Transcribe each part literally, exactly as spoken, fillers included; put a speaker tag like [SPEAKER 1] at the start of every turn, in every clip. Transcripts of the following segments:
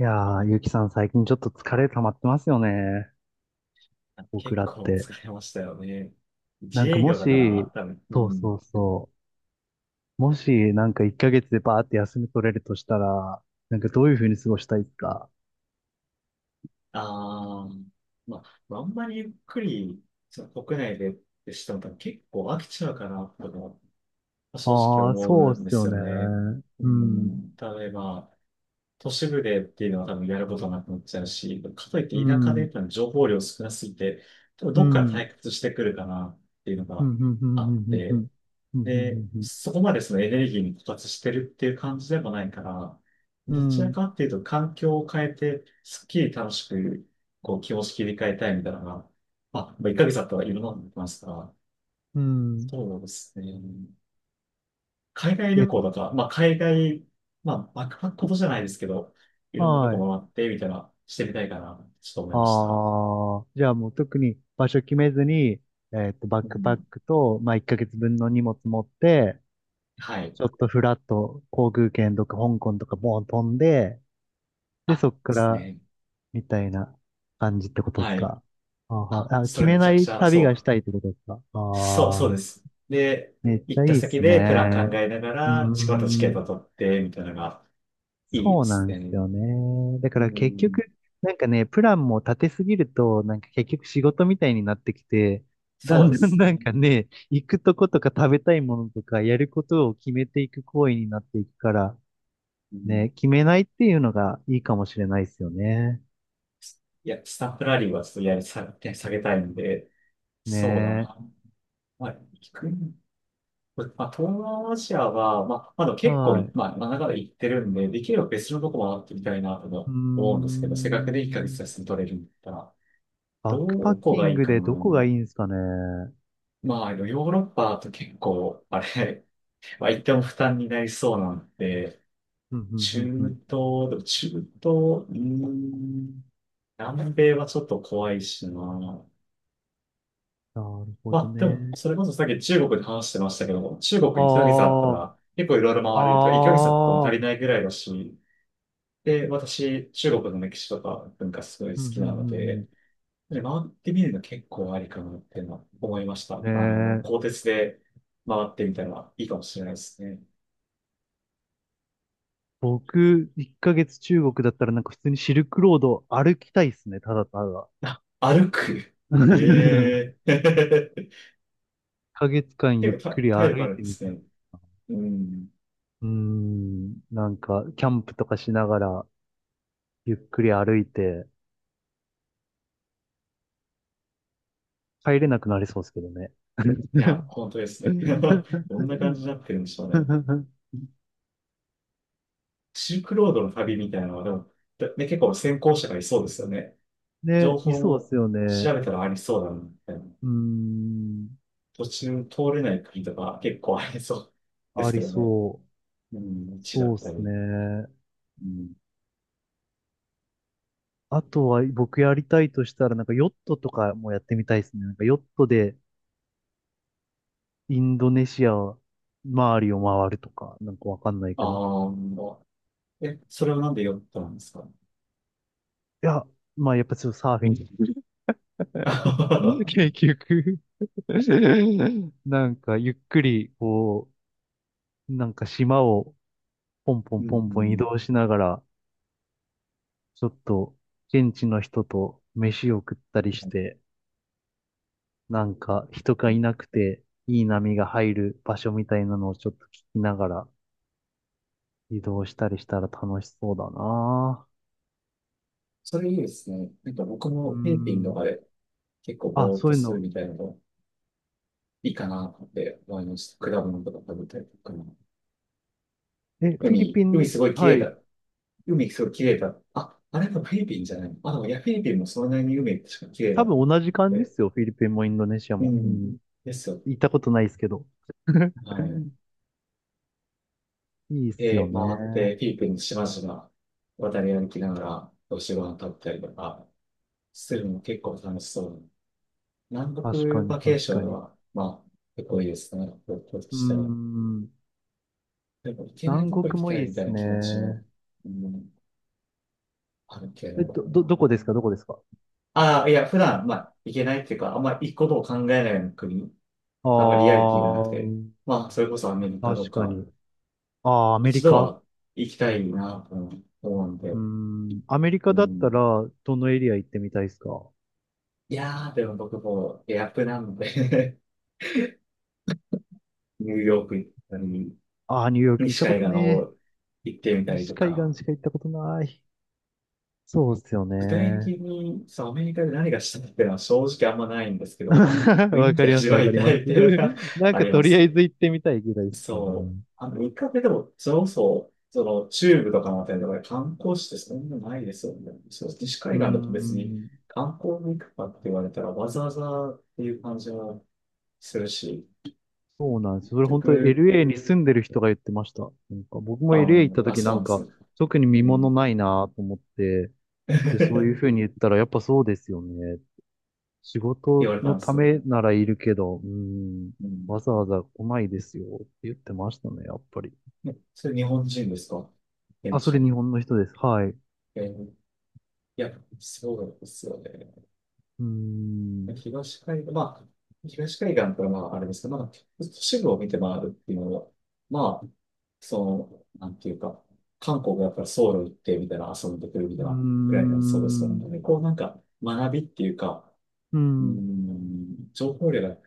[SPEAKER 1] いやー、ゆうきさん最近ちょっと疲れ溜まってますよね。僕
[SPEAKER 2] 結
[SPEAKER 1] らっ
[SPEAKER 2] 構
[SPEAKER 1] て。
[SPEAKER 2] 疲れましたよね。
[SPEAKER 1] な
[SPEAKER 2] 自
[SPEAKER 1] んか
[SPEAKER 2] 営
[SPEAKER 1] も
[SPEAKER 2] 業だか
[SPEAKER 1] し、
[SPEAKER 2] ら、多分、う
[SPEAKER 1] そうそ
[SPEAKER 2] ん。
[SPEAKER 1] うそう。もし、なんかいっかげつでバーって休み取れるとしたら、なんかどういう風に過ごしたいですか？
[SPEAKER 2] ああ、まあ、まああんまりゆっくり、その国内でってしても多分結構飽きちゃうかな、とか、まあ正直
[SPEAKER 1] ああー、
[SPEAKER 2] 思
[SPEAKER 1] そう
[SPEAKER 2] う
[SPEAKER 1] っ
[SPEAKER 2] んで
[SPEAKER 1] すよ
[SPEAKER 2] すよ
[SPEAKER 1] ね。
[SPEAKER 2] ね。う
[SPEAKER 1] うん、
[SPEAKER 2] ん、例えば、都市部でっていうのは多分やることなくなっちゃうし、かといっ
[SPEAKER 1] う
[SPEAKER 2] て田舎で
[SPEAKER 1] ん、
[SPEAKER 2] 多分情報量少なすぎて、多分
[SPEAKER 1] う
[SPEAKER 2] ど
[SPEAKER 1] ん、
[SPEAKER 2] っ
[SPEAKER 1] う
[SPEAKER 2] から
[SPEAKER 1] ん、うん、
[SPEAKER 2] 退屈してくるかなっていうの
[SPEAKER 1] うん、う
[SPEAKER 2] が
[SPEAKER 1] ん、う
[SPEAKER 2] あっ
[SPEAKER 1] ん、う
[SPEAKER 2] て、
[SPEAKER 1] ん、う
[SPEAKER 2] で、
[SPEAKER 1] ん、
[SPEAKER 2] そこまでそのエネルギーに枯渇してるっていう感じでもないから、
[SPEAKER 1] うん、う
[SPEAKER 2] どち
[SPEAKER 1] ん、う
[SPEAKER 2] ら
[SPEAKER 1] ん
[SPEAKER 2] かっていうと環境を変えて、すっきり楽しく、こう気持ち切り替えたいみたいなのが、まあ、まあ、いっかげつだったらいろんなのできますから、
[SPEAKER 1] うん。
[SPEAKER 2] そうですね。海外
[SPEAKER 1] えっ
[SPEAKER 2] 旅
[SPEAKER 1] と、
[SPEAKER 2] 行だとらまあ海外、まあバックパックことじゃないですけど、いろんなこ
[SPEAKER 1] は
[SPEAKER 2] と
[SPEAKER 1] い。
[SPEAKER 2] もらって、みたいな、してみたいかな、ちょっと思いました。
[SPEAKER 1] ああ、じゃあもう特に場所決めずに、えっと、バッ
[SPEAKER 2] う
[SPEAKER 1] クパッ
[SPEAKER 2] ん。
[SPEAKER 1] クと、まあ、いっかげつぶんの荷物持って、
[SPEAKER 2] はい。
[SPEAKER 1] ちょっとフラッと航空券とか香港とかボーン飛んで、で、
[SPEAKER 2] あ、で
[SPEAKER 1] そっか
[SPEAKER 2] す
[SPEAKER 1] ら
[SPEAKER 2] ね。
[SPEAKER 1] みたいな感じってことです
[SPEAKER 2] はい。
[SPEAKER 1] か。あーは
[SPEAKER 2] あ、
[SPEAKER 1] ー、あ、
[SPEAKER 2] そ
[SPEAKER 1] 決
[SPEAKER 2] れ
[SPEAKER 1] め
[SPEAKER 2] めち
[SPEAKER 1] な
[SPEAKER 2] ゃく
[SPEAKER 1] い
[SPEAKER 2] ちゃ、
[SPEAKER 1] 旅
[SPEAKER 2] そ
[SPEAKER 1] がし
[SPEAKER 2] う。
[SPEAKER 1] たいってことですか。あ
[SPEAKER 2] そう、そうで
[SPEAKER 1] あ、
[SPEAKER 2] す。で、
[SPEAKER 1] めっち
[SPEAKER 2] 行っ
[SPEAKER 1] ゃい
[SPEAKER 2] た
[SPEAKER 1] いっ
[SPEAKER 2] 先
[SPEAKER 1] す
[SPEAKER 2] でプラン考
[SPEAKER 1] ね。
[SPEAKER 2] えなが
[SPEAKER 1] うー
[SPEAKER 2] ら、チケットチケッ
[SPEAKER 1] ん、
[SPEAKER 2] ト取って、みたいなのがいい
[SPEAKER 1] そ
[SPEAKER 2] で
[SPEAKER 1] うな
[SPEAKER 2] す
[SPEAKER 1] んです
[SPEAKER 2] ね。
[SPEAKER 1] よね。だか
[SPEAKER 2] う
[SPEAKER 1] ら結
[SPEAKER 2] ん、
[SPEAKER 1] 局、なんかね、プランも立てすぎると、なんか結局仕事みたいになってきて、だ
[SPEAKER 2] そう
[SPEAKER 1] ん
[SPEAKER 2] で
[SPEAKER 1] だん
[SPEAKER 2] す
[SPEAKER 1] なん
[SPEAKER 2] ね。
[SPEAKER 1] かね、行くとことか食べたいものとかやることを決めていく行為になっていくから、
[SPEAKER 2] うん、
[SPEAKER 1] ね、決めないっていうのがいいかもしれないですよね。
[SPEAKER 2] いや、スタンプラリーはちょっとやり下げ、下げたいんで、そうだ
[SPEAKER 1] ね。
[SPEAKER 2] な。まあ、行く、まあ、東南アジアは、まあ、まだ結構、
[SPEAKER 1] はい。う
[SPEAKER 2] まあ、まあ長々行ってるんで、できれば別のとこ回ってみたいなと
[SPEAKER 1] ー
[SPEAKER 2] 思うんですけど、せっかくでいっかげつ
[SPEAKER 1] ん。
[SPEAKER 2] 休み取れるんだったら、
[SPEAKER 1] バックパ
[SPEAKER 2] ど
[SPEAKER 1] ッ
[SPEAKER 2] こ
[SPEAKER 1] キ
[SPEAKER 2] が
[SPEAKER 1] ン
[SPEAKER 2] いい
[SPEAKER 1] グ
[SPEAKER 2] か
[SPEAKER 1] でどこがいい
[SPEAKER 2] な。
[SPEAKER 1] んですかね。うん、
[SPEAKER 2] まあ、ヨーロッパと結構、あれ、まあ、言っても負担になりそうなんで、
[SPEAKER 1] うん、う
[SPEAKER 2] 中
[SPEAKER 1] ん、うん。
[SPEAKER 2] 東、でも中東、うーん、南米はちょっと怖いしな。
[SPEAKER 1] なるほ
[SPEAKER 2] ま
[SPEAKER 1] ど
[SPEAKER 2] あ、でも、
[SPEAKER 1] ね。
[SPEAKER 2] それこそさっき中国で話してましたけど、中
[SPEAKER 1] あ
[SPEAKER 2] 国いちげ月あったら、結構いろいろ
[SPEAKER 1] あ、
[SPEAKER 2] 回れるとか、いっかげつあっても
[SPEAKER 1] ああ、
[SPEAKER 2] 足
[SPEAKER 1] う
[SPEAKER 2] り
[SPEAKER 1] ん、
[SPEAKER 2] ないぐらいだし、で、私、中国の歴史とか文化すごい好
[SPEAKER 1] うん、う
[SPEAKER 2] きなの
[SPEAKER 1] ん
[SPEAKER 2] で、で回ってみるの結構ありかなっていうのは思いまし
[SPEAKER 1] うん。
[SPEAKER 2] た。あの、
[SPEAKER 1] ね
[SPEAKER 2] 鋼
[SPEAKER 1] え。
[SPEAKER 2] 鉄で回ってみたらいいかもしれないですね。
[SPEAKER 1] 僕、いっかげつ中国だったらなんか普通にシルクロードを歩きたいですね。ただただ。
[SPEAKER 2] あ、歩く。
[SPEAKER 1] 1
[SPEAKER 2] ええー
[SPEAKER 1] ヶ月間ゆっ
[SPEAKER 2] 結構た
[SPEAKER 1] くり
[SPEAKER 2] 体
[SPEAKER 1] 歩
[SPEAKER 2] 力あ
[SPEAKER 1] い
[SPEAKER 2] るん
[SPEAKER 1] て
[SPEAKER 2] で
[SPEAKER 1] み
[SPEAKER 2] す
[SPEAKER 1] たい
[SPEAKER 2] ね。
[SPEAKER 1] な。
[SPEAKER 2] うん。
[SPEAKER 1] うーん、なんか、キャンプとかしながら、ゆっくり歩いて、帰れなくなりそうですけどね。
[SPEAKER 2] いや、本当ですね。どんな感じになってるんでしょうね。シルクロードの旅みたいなのは、でも、だね、結構先行者がいそうですよね。
[SPEAKER 1] ね、
[SPEAKER 2] 情
[SPEAKER 1] い
[SPEAKER 2] 報
[SPEAKER 1] そうです
[SPEAKER 2] も
[SPEAKER 1] よね。
[SPEAKER 2] 調べたらありそうだな、みたいな。
[SPEAKER 1] うーん、
[SPEAKER 2] 途中通れない国とか結構ありそうで
[SPEAKER 1] あ
[SPEAKER 2] す
[SPEAKER 1] り
[SPEAKER 2] けどね。
[SPEAKER 1] そう。
[SPEAKER 2] うん、道だ
[SPEAKER 1] そう
[SPEAKER 2] っ
[SPEAKER 1] で
[SPEAKER 2] た
[SPEAKER 1] す
[SPEAKER 2] り。
[SPEAKER 1] ね。
[SPEAKER 2] うん。
[SPEAKER 1] あとは僕やりたいとしたら、なんかヨットとかもやってみたいですね。なんかヨットでインドネシア周りを回るとか、なんかわかんないけど。い
[SPEAKER 2] ああ、え、それはなんで読ったんですか？
[SPEAKER 1] や、まあやっぱちょっとサーフィン。結 局なんかゆっくり、こう、なんか島をポンポ
[SPEAKER 2] う
[SPEAKER 1] ンポンポン移
[SPEAKER 2] ん。
[SPEAKER 1] 動しながら、ちょっと現地の人と飯を食ったりして、なんか人がいなくていい波が入る場所みたいなのをちょっと聞きながら移動したりしたら楽しそうだな。
[SPEAKER 2] それいいですね。なんか僕
[SPEAKER 1] うー
[SPEAKER 2] もフィリピンと
[SPEAKER 1] ん。
[SPEAKER 2] かで結構
[SPEAKER 1] あ、
[SPEAKER 2] ぼーっ
[SPEAKER 1] そう
[SPEAKER 2] と
[SPEAKER 1] いう
[SPEAKER 2] する
[SPEAKER 1] の。
[SPEAKER 2] みたいなのいいかなって思いました。果物とか食べたりとか。
[SPEAKER 1] え、フィリ
[SPEAKER 2] 海、
[SPEAKER 1] ピ
[SPEAKER 2] 海
[SPEAKER 1] ン、
[SPEAKER 2] すごい綺
[SPEAKER 1] は
[SPEAKER 2] 麗
[SPEAKER 1] い。
[SPEAKER 2] だ。海すごい綺麗だ。あ、あれもフィリピンじゃないの？あ、でもいや、フィリピンもそんなに海確か綺麗
[SPEAKER 1] 多
[SPEAKER 2] だと思
[SPEAKER 1] 分
[SPEAKER 2] っ
[SPEAKER 1] 同じ感じで
[SPEAKER 2] て。
[SPEAKER 1] すよ。フィリピンもインドネシアも。
[SPEAKER 2] う
[SPEAKER 1] う
[SPEAKER 2] ん。
[SPEAKER 1] ん。
[SPEAKER 2] ですよ。
[SPEAKER 1] 行ったことないですけど。
[SPEAKER 2] はい。
[SPEAKER 1] いいっすよ
[SPEAKER 2] で、回っ
[SPEAKER 1] ね。
[SPEAKER 2] てフィリピンの島々渡り歩きながらお仕事食べたりとかするのも結構楽しそう。南
[SPEAKER 1] 確か
[SPEAKER 2] 国
[SPEAKER 1] に、
[SPEAKER 2] バケー
[SPEAKER 1] 確
[SPEAKER 2] ショ
[SPEAKER 1] か
[SPEAKER 2] ン
[SPEAKER 1] に。
[SPEAKER 2] は、まあ、結構いいですね。僕と
[SPEAKER 1] うー
[SPEAKER 2] したら。
[SPEAKER 1] ん。
[SPEAKER 2] でも行けない
[SPEAKER 1] 南
[SPEAKER 2] と
[SPEAKER 1] 国
[SPEAKER 2] こ行き
[SPEAKER 1] も
[SPEAKER 2] た
[SPEAKER 1] いい
[SPEAKER 2] い
[SPEAKER 1] っ
[SPEAKER 2] みたい
[SPEAKER 1] す
[SPEAKER 2] な気持ちも、
[SPEAKER 1] ね。
[SPEAKER 2] うん、あるけ
[SPEAKER 1] え、ど、
[SPEAKER 2] ど。
[SPEAKER 1] ど、どこですか？どこですか？
[SPEAKER 2] ああ、いや、普段、まあ、行けないっていうか、あんまり行くことを考えないような国、
[SPEAKER 1] あ
[SPEAKER 2] あんまりリアリティがなくて、
[SPEAKER 1] ー、
[SPEAKER 2] まあ、それこそアメリカと
[SPEAKER 1] 確か
[SPEAKER 2] か、
[SPEAKER 1] に。あー、アメリ
[SPEAKER 2] 一度
[SPEAKER 1] カ。
[SPEAKER 2] は行きたいなと思うん
[SPEAKER 1] うー
[SPEAKER 2] で、
[SPEAKER 1] ん、アメリ
[SPEAKER 2] う
[SPEAKER 1] カだったら、
[SPEAKER 2] ん。
[SPEAKER 1] どのエリア行ってみたいですか？
[SPEAKER 2] いやー、でも僕もエアプなんで ニューヨーク行ったり、
[SPEAKER 1] あー、ニューヨーク行っ
[SPEAKER 2] 西
[SPEAKER 1] たこ
[SPEAKER 2] 海
[SPEAKER 1] と
[SPEAKER 2] 岸の
[SPEAKER 1] ね
[SPEAKER 2] 方行ってみ
[SPEAKER 1] え。
[SPEAKER 2] たり
[SPEAKER 1] 西
[SPEAKER 2] と
[SPEAKER 1] 海岸
[SPEAKER 2] か、
[SPEAKER 1] しか行ったことない。そうっすよ
[SPEAKER 2] 具体
[SPEAKER 1] ね。
[SPEAKER 2] 的に、そう、アメリカで何がしたいっていうのは正直あんまないんですけど、まあ、雰
[SPEAKER 1] わ
[SPEAKER 2] 囲
[SPEAKER 1] か
[SPEAKER 2] 気
[SPEAKER 1] りま
[SPEAKER 2] 味
[SPEAKER 1] す、
[SPEAKER 2] わ
[SPEAKER 1] わか
[SPEAKER 2] い
[SPEAKER 1] り
[SPEAKER 2] た
[SPEAKER 1] ます。
[SPEAKER 2] いっていうのが
[SPEAKER 1] なん
[SPEAKER 2] あ
[SPEAKER 1] か
[SPEAKER 2] り
[SPEAKER 1] と
[SPEAKER 2] ま
[SPEAKER 1] りあ
[SPEAKER 2] す。
[SPEAKER 1] えず行ってみたいぐらいですよ
[SPEAKER 2] そ
[SPEAKER 1] ね。
[SPEAKER 2] う。あの、一回目でも、それこそ、その、中部とかのあたりとかで観光地ってそんなないですよね。そう、西
[SPEAKER 1] うー
[SPEAKER 2] 海岸だと別に
[SPEAKER 1] ん、
[SPEAKER 2] 観光に行くかって言われたら、わざわざっていう感じはするし、
[SPEAKER 1] そうなんです。それ
[SPEAKER 2] 結
[SPEAKER 1] 本当に
[SPEAKER 2] 局、
[SPEAKER 1] エルエー に住んでる人が言ってました。なんか僕も
[SPEAKER 2] あ
[SPEAKER 1] エルエー 行っ
[SPEAKER 2] の、
[SPEAKER 1] た
[SPEAKER 2] あ、
[SPEAKER 1] 時な
[SPEAKER 2] そう
[SPEAKER 1] ん
[SPEAKER 2] なんで
[SPEAKER 1] か、
[SPEAKER 2] すね。
[SPEAKER 1] 特に
[SPEAKER 2] う
[SPEAKER 1] 見物
[SPEAKER 2] ん。
[SPEAKER 1] ないなと思って、で、そういうふう に言ったら、やっぱそうですよね。仕
[SPEAKER 2] 言
[SPEAKER 1] 事
[SPEAKER 2] われ
[SPEAKER 1] の
[SPEAKER 2] たんで
[SPEAKER 1] た
[SPEAKER 2] すね。
[SPEAKER 1] めならいるけど、うん、
[SPEAKER 2] うん。
[SPEAKER 1] わざわざ来ないですよって言ってましたね、やっぱり。
[SPEAKER 2] ね、それ日本人ですか？現
[SPEAKER 1] あ、そ
[SPEAKER 2] 地
[SPEAKER 1] れ
[SPEAKER 2] の。
[SPEAKER 1] 日本の人です。はい。う
[SPEAKER 2] えー、いや、そうですよね。
[SPEAKER 1] ーん、
[SPEAKER 2] 東海岸、まあ、東海岸からまあ、あれですけど、まあ、都市部を見て回るっていうのは、まあ、その、なんていうか、韓国がやっぱりソウル行ってみたいな、遊んでくるみ
[SPEAKER 1] う
[SPEAKER 2] た
[SPEAKER 1] ー
[SPEAKER 2] いなくらいになりそうですよ
[SPEAKER 1] ん、
[SPEAKER 2] ね。こうなんか、学びっていうか、
[SPEAKER 1] う
[SPEAKER 2] うー
[SPEAKER 1] ん、
[SPEAKER 2] ん、情報量が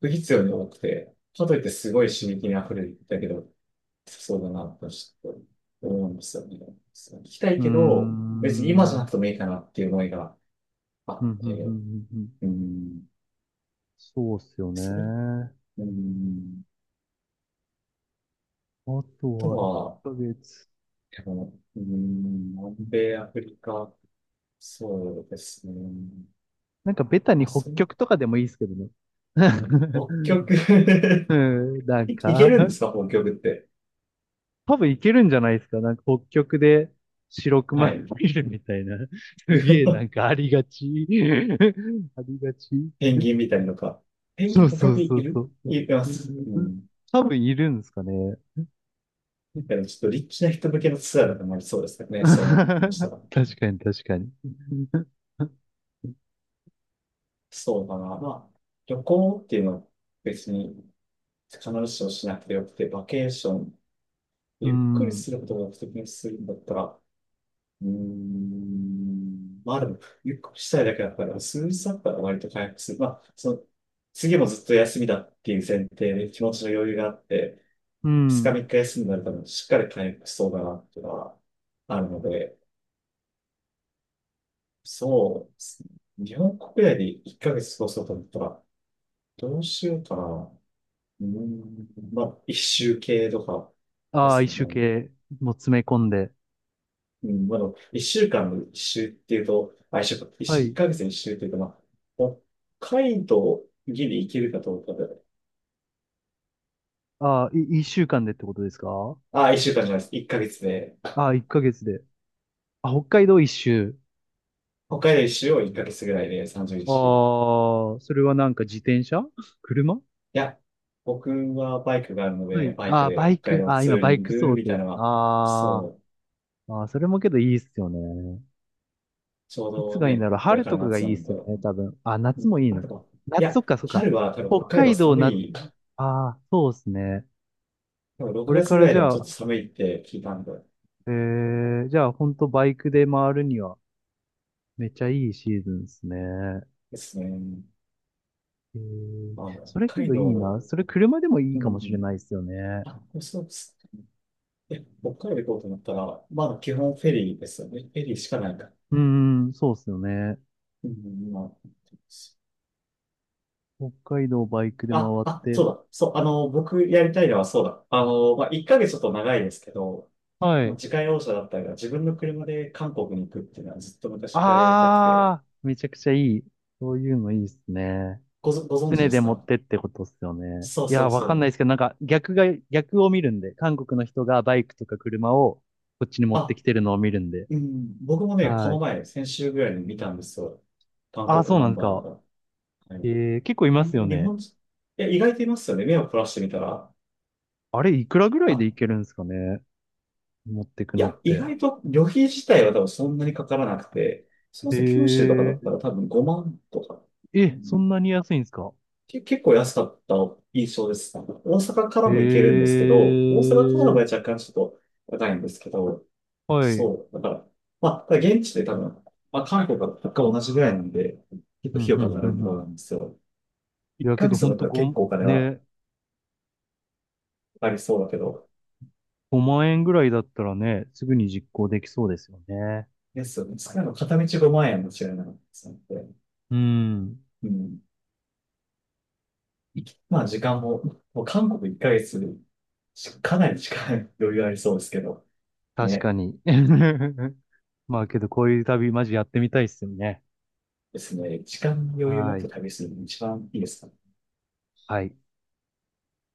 [SPEAKER 2] 不必要に多くて、かといってすごい刺激に溢れてたけど、そうだな、とちょっと思うんですよね。そう聞きたい
[SPEAKER 1] うーん、
[SPEAKER 2] けど、別に今
[SPEAKER 1] う
[SPEAKER 2] じゃなくて
[SPEAKER 1] ん、
[SPEAKER 2] もいいかなっていう思いが、あ
[SPEAKER 1] うん、う
[SPEAKER 2] っ
[SPEAKER 1] ん、う
[SPEAKER 2] て、
[SPEAKER 1] ん。うん、
[SPEAKER 2] うん。
[SPEAKER 1] そうっすよ
[SPEAKER 2] それ、
[SPEAKER 1] ね。
[SPEAKER 2] うん。
[SPEAKER 1] あと
[SPEAKER 2] あと
[SPEAKER 1] は1
[SPEAKER 2] は、
[SPEAKER 1] ヶ月。
[SPEAKER 2] でも、うん、南米、アフリカ、そうですね。
[SPEAKER 1] なんかベタに
[SPEAKER 2] まあ、
[SPEAKER 1] 北
[SPEAKER 2] そう、
[SPEAKER 1] 極とかでもいいですけどね。
[SPEAKER 2] 北極。
[SPEAKER 1] うん、な ん
[SPEAKER 2] い、いけ
[SPEAKER 1] か
[SPEAKER 2] るんですか、北極って。
[SPEAKER 1] 多分いけるんじゃないですか。なんか北極で白
[SPEAKER 2] は
[SPEAKER 1] 熊
[SPEAKER 2] い。
[SPEAKER 1] 見るみたいな。すげえなん かありがち。ありがち。
[SPEAKER 2] ペンギンみたいのか。ペンギ
[SPEAKER 1] そ
[SPEAKER 2] ン、
[SPEAKER 1] う
[SPEAKER 2] 北
[SPEAKER 1] そう
[SPEAKER 2] 極い
[SPEAKER 1] そうそ
[SPEAKER 2] るいます。う
[SPEAKER 1] う。
[SPEAKER 2] ん。
[SPEAKER 1] 多分いるんですかね。
[SPEAKER 2] みたいな、ちょっとリッチな人向けのツアーだとまりそうですか ね、そういうの。したら、
[SPEAKER 1] 確かに確かに。
[SPEAKER 2] そうだな。まあ、旅行っていうのは別に必ずしもしなくてよくて、バケーション、
[SPEAKER 1] う
[SPEAKER 2] ゆっくり
[SPEAKER 1] ん。
[SPEAKER 2] することが目的にするんだったら、うーん、まあでも、ゆっくりしたいだけだから、数日だったら割と回復する。まあ、その、次もずっと休みだっていう前提で気持ちの余裕があって、
[SPEAKER 1] う
[SPEAKER 2] ふつか
[SPEAKER 1] ん。
[SPEAKER 2] みっか休みになるとしっかり回復しそうだなっていうのはあるので、そうですね。日本国内でいっかげつ過ごそうと思ったら、どうしようかな。うーん、まあ、一周系とかで
[SPEAKER 1] ああ、一
[SPEAKER 2] すか
[SPEAKER 1] 周
[SPEAKER 2] ね。
[SPEAKER 1] 系も詰め込んで。
[SPEAKER 2] うん、まあ、でも一週間の一周っていうと、あ、一週間、一
[SPEAKER 1] は
[SPEAKER 2] 週、一
[SPEAKER 1] い。
[SPEAKER 2] ヶ月の一周っていうと、まあ、北海道ギリ行けるかどうかで、
[SPEAKER 1] ああ、い、一週間でってことですか？
[SPEAKER 2] あ、一週間じゃないです。一ヶ月で、
[SPEAKER 1] ああ、一ヶ月で。あ、北海道一周。
[SPEAKER 2] 北海道一周を一ヶ月ぐらいでさんじゅっしゅう週、い
[SPEAKER 1] ああ、それはなんか自転車 車。
[SPEAKER 2] や、僕はバイクがあるの
[SPEAKER 1] は
[SPEAKER 2] で、
[SPEAKER 1] い。
[SPEAKER 2] バイク
[SPEAKER 1] あーバ
[SPEAKER 2] で
[SPEAKER 1] イ
[SPEAKER 2] 北
[SPEAKER 1] ク、
[SPEAKER 2] 海道
[SPEAKER 1] あー
[SPEAKER 2] ツ
[SPEAKER 1] 今
[SPEAKER 2] ー
[SPEAKER 1] バ
[SPEAKER 2] リ
[SPEAKER 1] イ
[SPEAKER 2] ン
[SPEAKER 1] ク
[SPEAKER 2] グ
[SPEAKER 1] 想
[SPEAKER 2] みたい
[SPEAKER 1] 定。
[SPEAKER 2] なのは、
[SPEAKER 1] あ
[SPEAKER 2] そう、
[SPEAKER 1] ーあー、それもけどいいっすよね。
[SPEAKER 2] ちょう
[SPEAKER 1] いつ
[SPEAKER 2] ど
[SPEAKER 1] がいいん
[SPEAKER 2] ね、
[SPEAKER 1] だろう。
[SPEAKER 2] これ
[SPEAKER 1] 春
[SPEAKER 2] か
[SPEAKER 1] と
[SPEAKER 2] ら
[SPEAKER 1] かがい
[SPEAKER 2] 夏な
[SPEAKER 1] いっ
[SPEAKER 2] ん
[SPEAKER 1] す
[SPEAKER 2] で、
[SPEAKER 1] よね、多分。あ、
[SPEAKER 2] う
[SPEAKER 1] 夏
[SPEAKER 2] ん、
[SPEAKER 1] もいい
[SPEAKER 2] あ
[SPEAKER 1] の
[SPEAKER 2] と
[SPEAKER 1] か。
[SPEAKER 2] は、い
[SPEAKER 1] 夏、そっ
[SPEAKER 2] や、
[SPEAKER 1] か、そっか。
[SPEAKER 2] 春は多分
[SPEAKER 1] 北
[SPEAKER 2] 北海道
[SPEAKER 1] 海道、
[SPEAKER 2] 寒
[SPEAKER 1] 夏、
[SPEAKER 2] い、
[SPEAKER 1] ああ、そうっすね。
[SPEAKER 2] 多分
[SPEAKER 1] こ
[SPEAKER 2] 6
[SPEAKER 1] れ
[SPEAKER 2] 月
[SPEAKER 1] か
[SPEAKER 2] ぐ
[SPEAKER 1] ら
[SPEAKER 2] らい
[SPEAKER 1] じ
[SPEAKER 2] でも
[SPEAKER 1] ゃ
[SPEAKER 2] ちょっ
[SPEAKER 1] あ、
[SPEAKER 2] と寒いって聞いたんで、
[SPEAKER 1] えー、じゃあ、ほんとバイクで回るには、めっちゃいいシーズンっすね。
[SPEAKER 2] ですね。
[SPEAKER 1] えー、
[SPEAKER 2] まあ、
[SPEAKER 1] それけ
[SPEAKER 2] 北海
[SPEAKER 1] どいい
[SPEAKER 2] 道、
[SPEAKER 1] な。それ車でもい
[SPEAKER 2] う
[SPEAKER 1] いかもしれ
[SPEAKER 2] ん。
[SPEAKER 1] ないっすよね。
[SPEAKER 2] あ、そうです。え、北海道行こうと思ったら、まだ基本フェリーですよね。フェリーしかないから。
[SPEAKER 1] うーん、そうっすよね。
[SPEAKER 2] うん、ま
[SPEAKER 1] 北海道バイクで回
[SPEAKER 2] あ、
[SPEAKER 1] っ
[SPEAKER 2] あ、あ、そう
[SPEAKER 1] て、
[SPEAKER 2] だ。そう、あの、僕やりたいのはそうだ。あの、まあ、いっかげつちょっと長いですけど、
[SPEAKER 1] は
[SPEAKER 2] もう
[SPEAKER 1] い。
[SPEAKER 2] 自家用車だったり、自分の車で韓国に行くっていうのはずっと昔からやりたくて、
[SPEAKER 1] ああ、めちゃくちゃいい。そういうのいいですね。
[SPEAKER 2] ごぞ、ご存知
[SPEAKER 1] 船
[SPEAKER 2] で
[SPEAKER 1] で
[SPEAKER 2] す
[SPEAKER 1] 持っ
[SPEAKER 2] か？
[SPEAKER 1] てってことっすよね。
[SPEAKER 2] そう
[SPEAKER 1] いや
[SPEAKER 2] そ
[SPEAKER 1] ー、
[SPEAKER 2] う
[SPEAKER 1] わ
[SPEAKER 2] そ
[SPEAKER 1] かんないで
[SPEAKER 2] う。
[SPEAKER 1] すけど、なんか逆が、逆を見るんで、韓国の人がバイクとか車をこっちに持って
[SPEAKER 2] あ、
[SPEAKER 1] きてるのを見るんで。
[SPEAKER 2] うん、僕もね、こ
[SPEAKER 1] は
[SPEAKER 2] の
[SPEAKER 1] い。
[SPEAKER 2] 前、先週ぐらいに見たんですよ。韓
[SPEAKER 1] ああ、
[SPEAKER 2] 国
[SPEAKER 1] そうな
[SPEAKER 2] ナ
[SPEAKER 1] ん
[SPEAKER 2] ン
[SPEAKER 1] です
[SPEAKER 2] バー
[SPEAKER 1] か。
[SPEAKER 2] が。は
[SPEAKER 1] え
[SPEAKER 2] い。
[SPEAKER 1] ー、結構いま
[SPEAKER 2] あん
[SPEAKER 1] すよ
[SPEAKER 2] まり日
[SPEAKER 1] ね。
[SPEAKER 2] 本人、いや、意外といますよね。目を凝らしてみたら。
[SPEAKER 1] あれ、いくらぐらいで
[SPEAKER 2] あ、
[SPEAKER 1] いけるんですかね。持ってく
[SPEAKER 2] い
[SPEAKER 1] のっ
[SPEAKER 2] や、意
[SPEAKER 1] て。
[SPEAKER 2] 外と旅費自体は多分そんなにかからなくて、そう
[SPEAKER 1] え
[SPEAKER 2] ですね九州とかだった
[SPEAKER 1] ー、
[SPEAKER 2] ら多分ごまんとか、う
[SPEAKER 1] え、そ
[SPEAKER 2] ん、
[SPEAKER 1] んなに安いんですか。
[SPEAKER 2] け結構安かった印象です。大阪か
[SPEAKER 1] え
[SPEAKER 2] らも行けるんですけど、大阪からの場合
[SPEAKER 1] ー、
[SPEAKER 2] 若干ちょっと高いんですけど、
[SPEAKER 1] はい。
[SPEAKER 2] そう、だから、まあ、ただ現地で多分、まあ、韓国は物価同じぐらいなんで、結構
[SPEAKER 1] う
[SPEAKER 2] 費
[SPEAKER 1] ん、
[SPEAKER 2] 用
[SPEAKER 1] う
[SPEAKER 2] か
[SPEAKER 1] ん、
[SPEAKER 2] か
[SPEAKER 1] う
[SPEAKER 2] る
[SPEAKER 1] ん、
[SPEAKER 2] ん
[SPEAKER 1] う
[SPEAKER 2] だ
[SPEAKER 1] ん。
[SPEAKER 2] んですよ。
[SPEAKER 1] い
[SPEAKER 2] 1
[SPEAKER 1] や、け
[SPEAKER 2] ヶ
[SPEAKER 1] ど
[SPEAKER 2] 月
[SPEAKER 1] ほ
[SPEAKER 2] だ
[SPEAKER 1] ん
[SPEAKER 2] った
[SPEAKER 1] と
[SPEAKER 2] ら結
[SPEAKER 1] ご、
[SPEAKER 2] 構お金は
[SPEAKER 1] ね、
[SPEAKER 2] かかりそうだけど、
[SPEAKER 1] ごまん円ぐらいだったらね、すぐに実行できそうですよね。
[SPEAKER 2] ですよね。使うの片道ごまんえん円も違いなかったですので、
[SPEAKER 1] うん。
[SPEAKER 2] うん。いきまあ時間も、もう韓国いっかげつし、かなり時間 余裕ありそうですけど、
[SPEAKER 1] 確か
[SPEAKER 2] ね、
[SPEAKER 1] に。まあけど、こういう旅、マジやってみたいっすよね。
[SPEAKER 2] ですね、時間に余裕持っ
[SPEAKER 1] は
[SPEAKER 2] て
[SPEAKER 1] い。
[SPEAKER 2] 旅するのが一番いいですかね？
[SPEAKER 1] はい。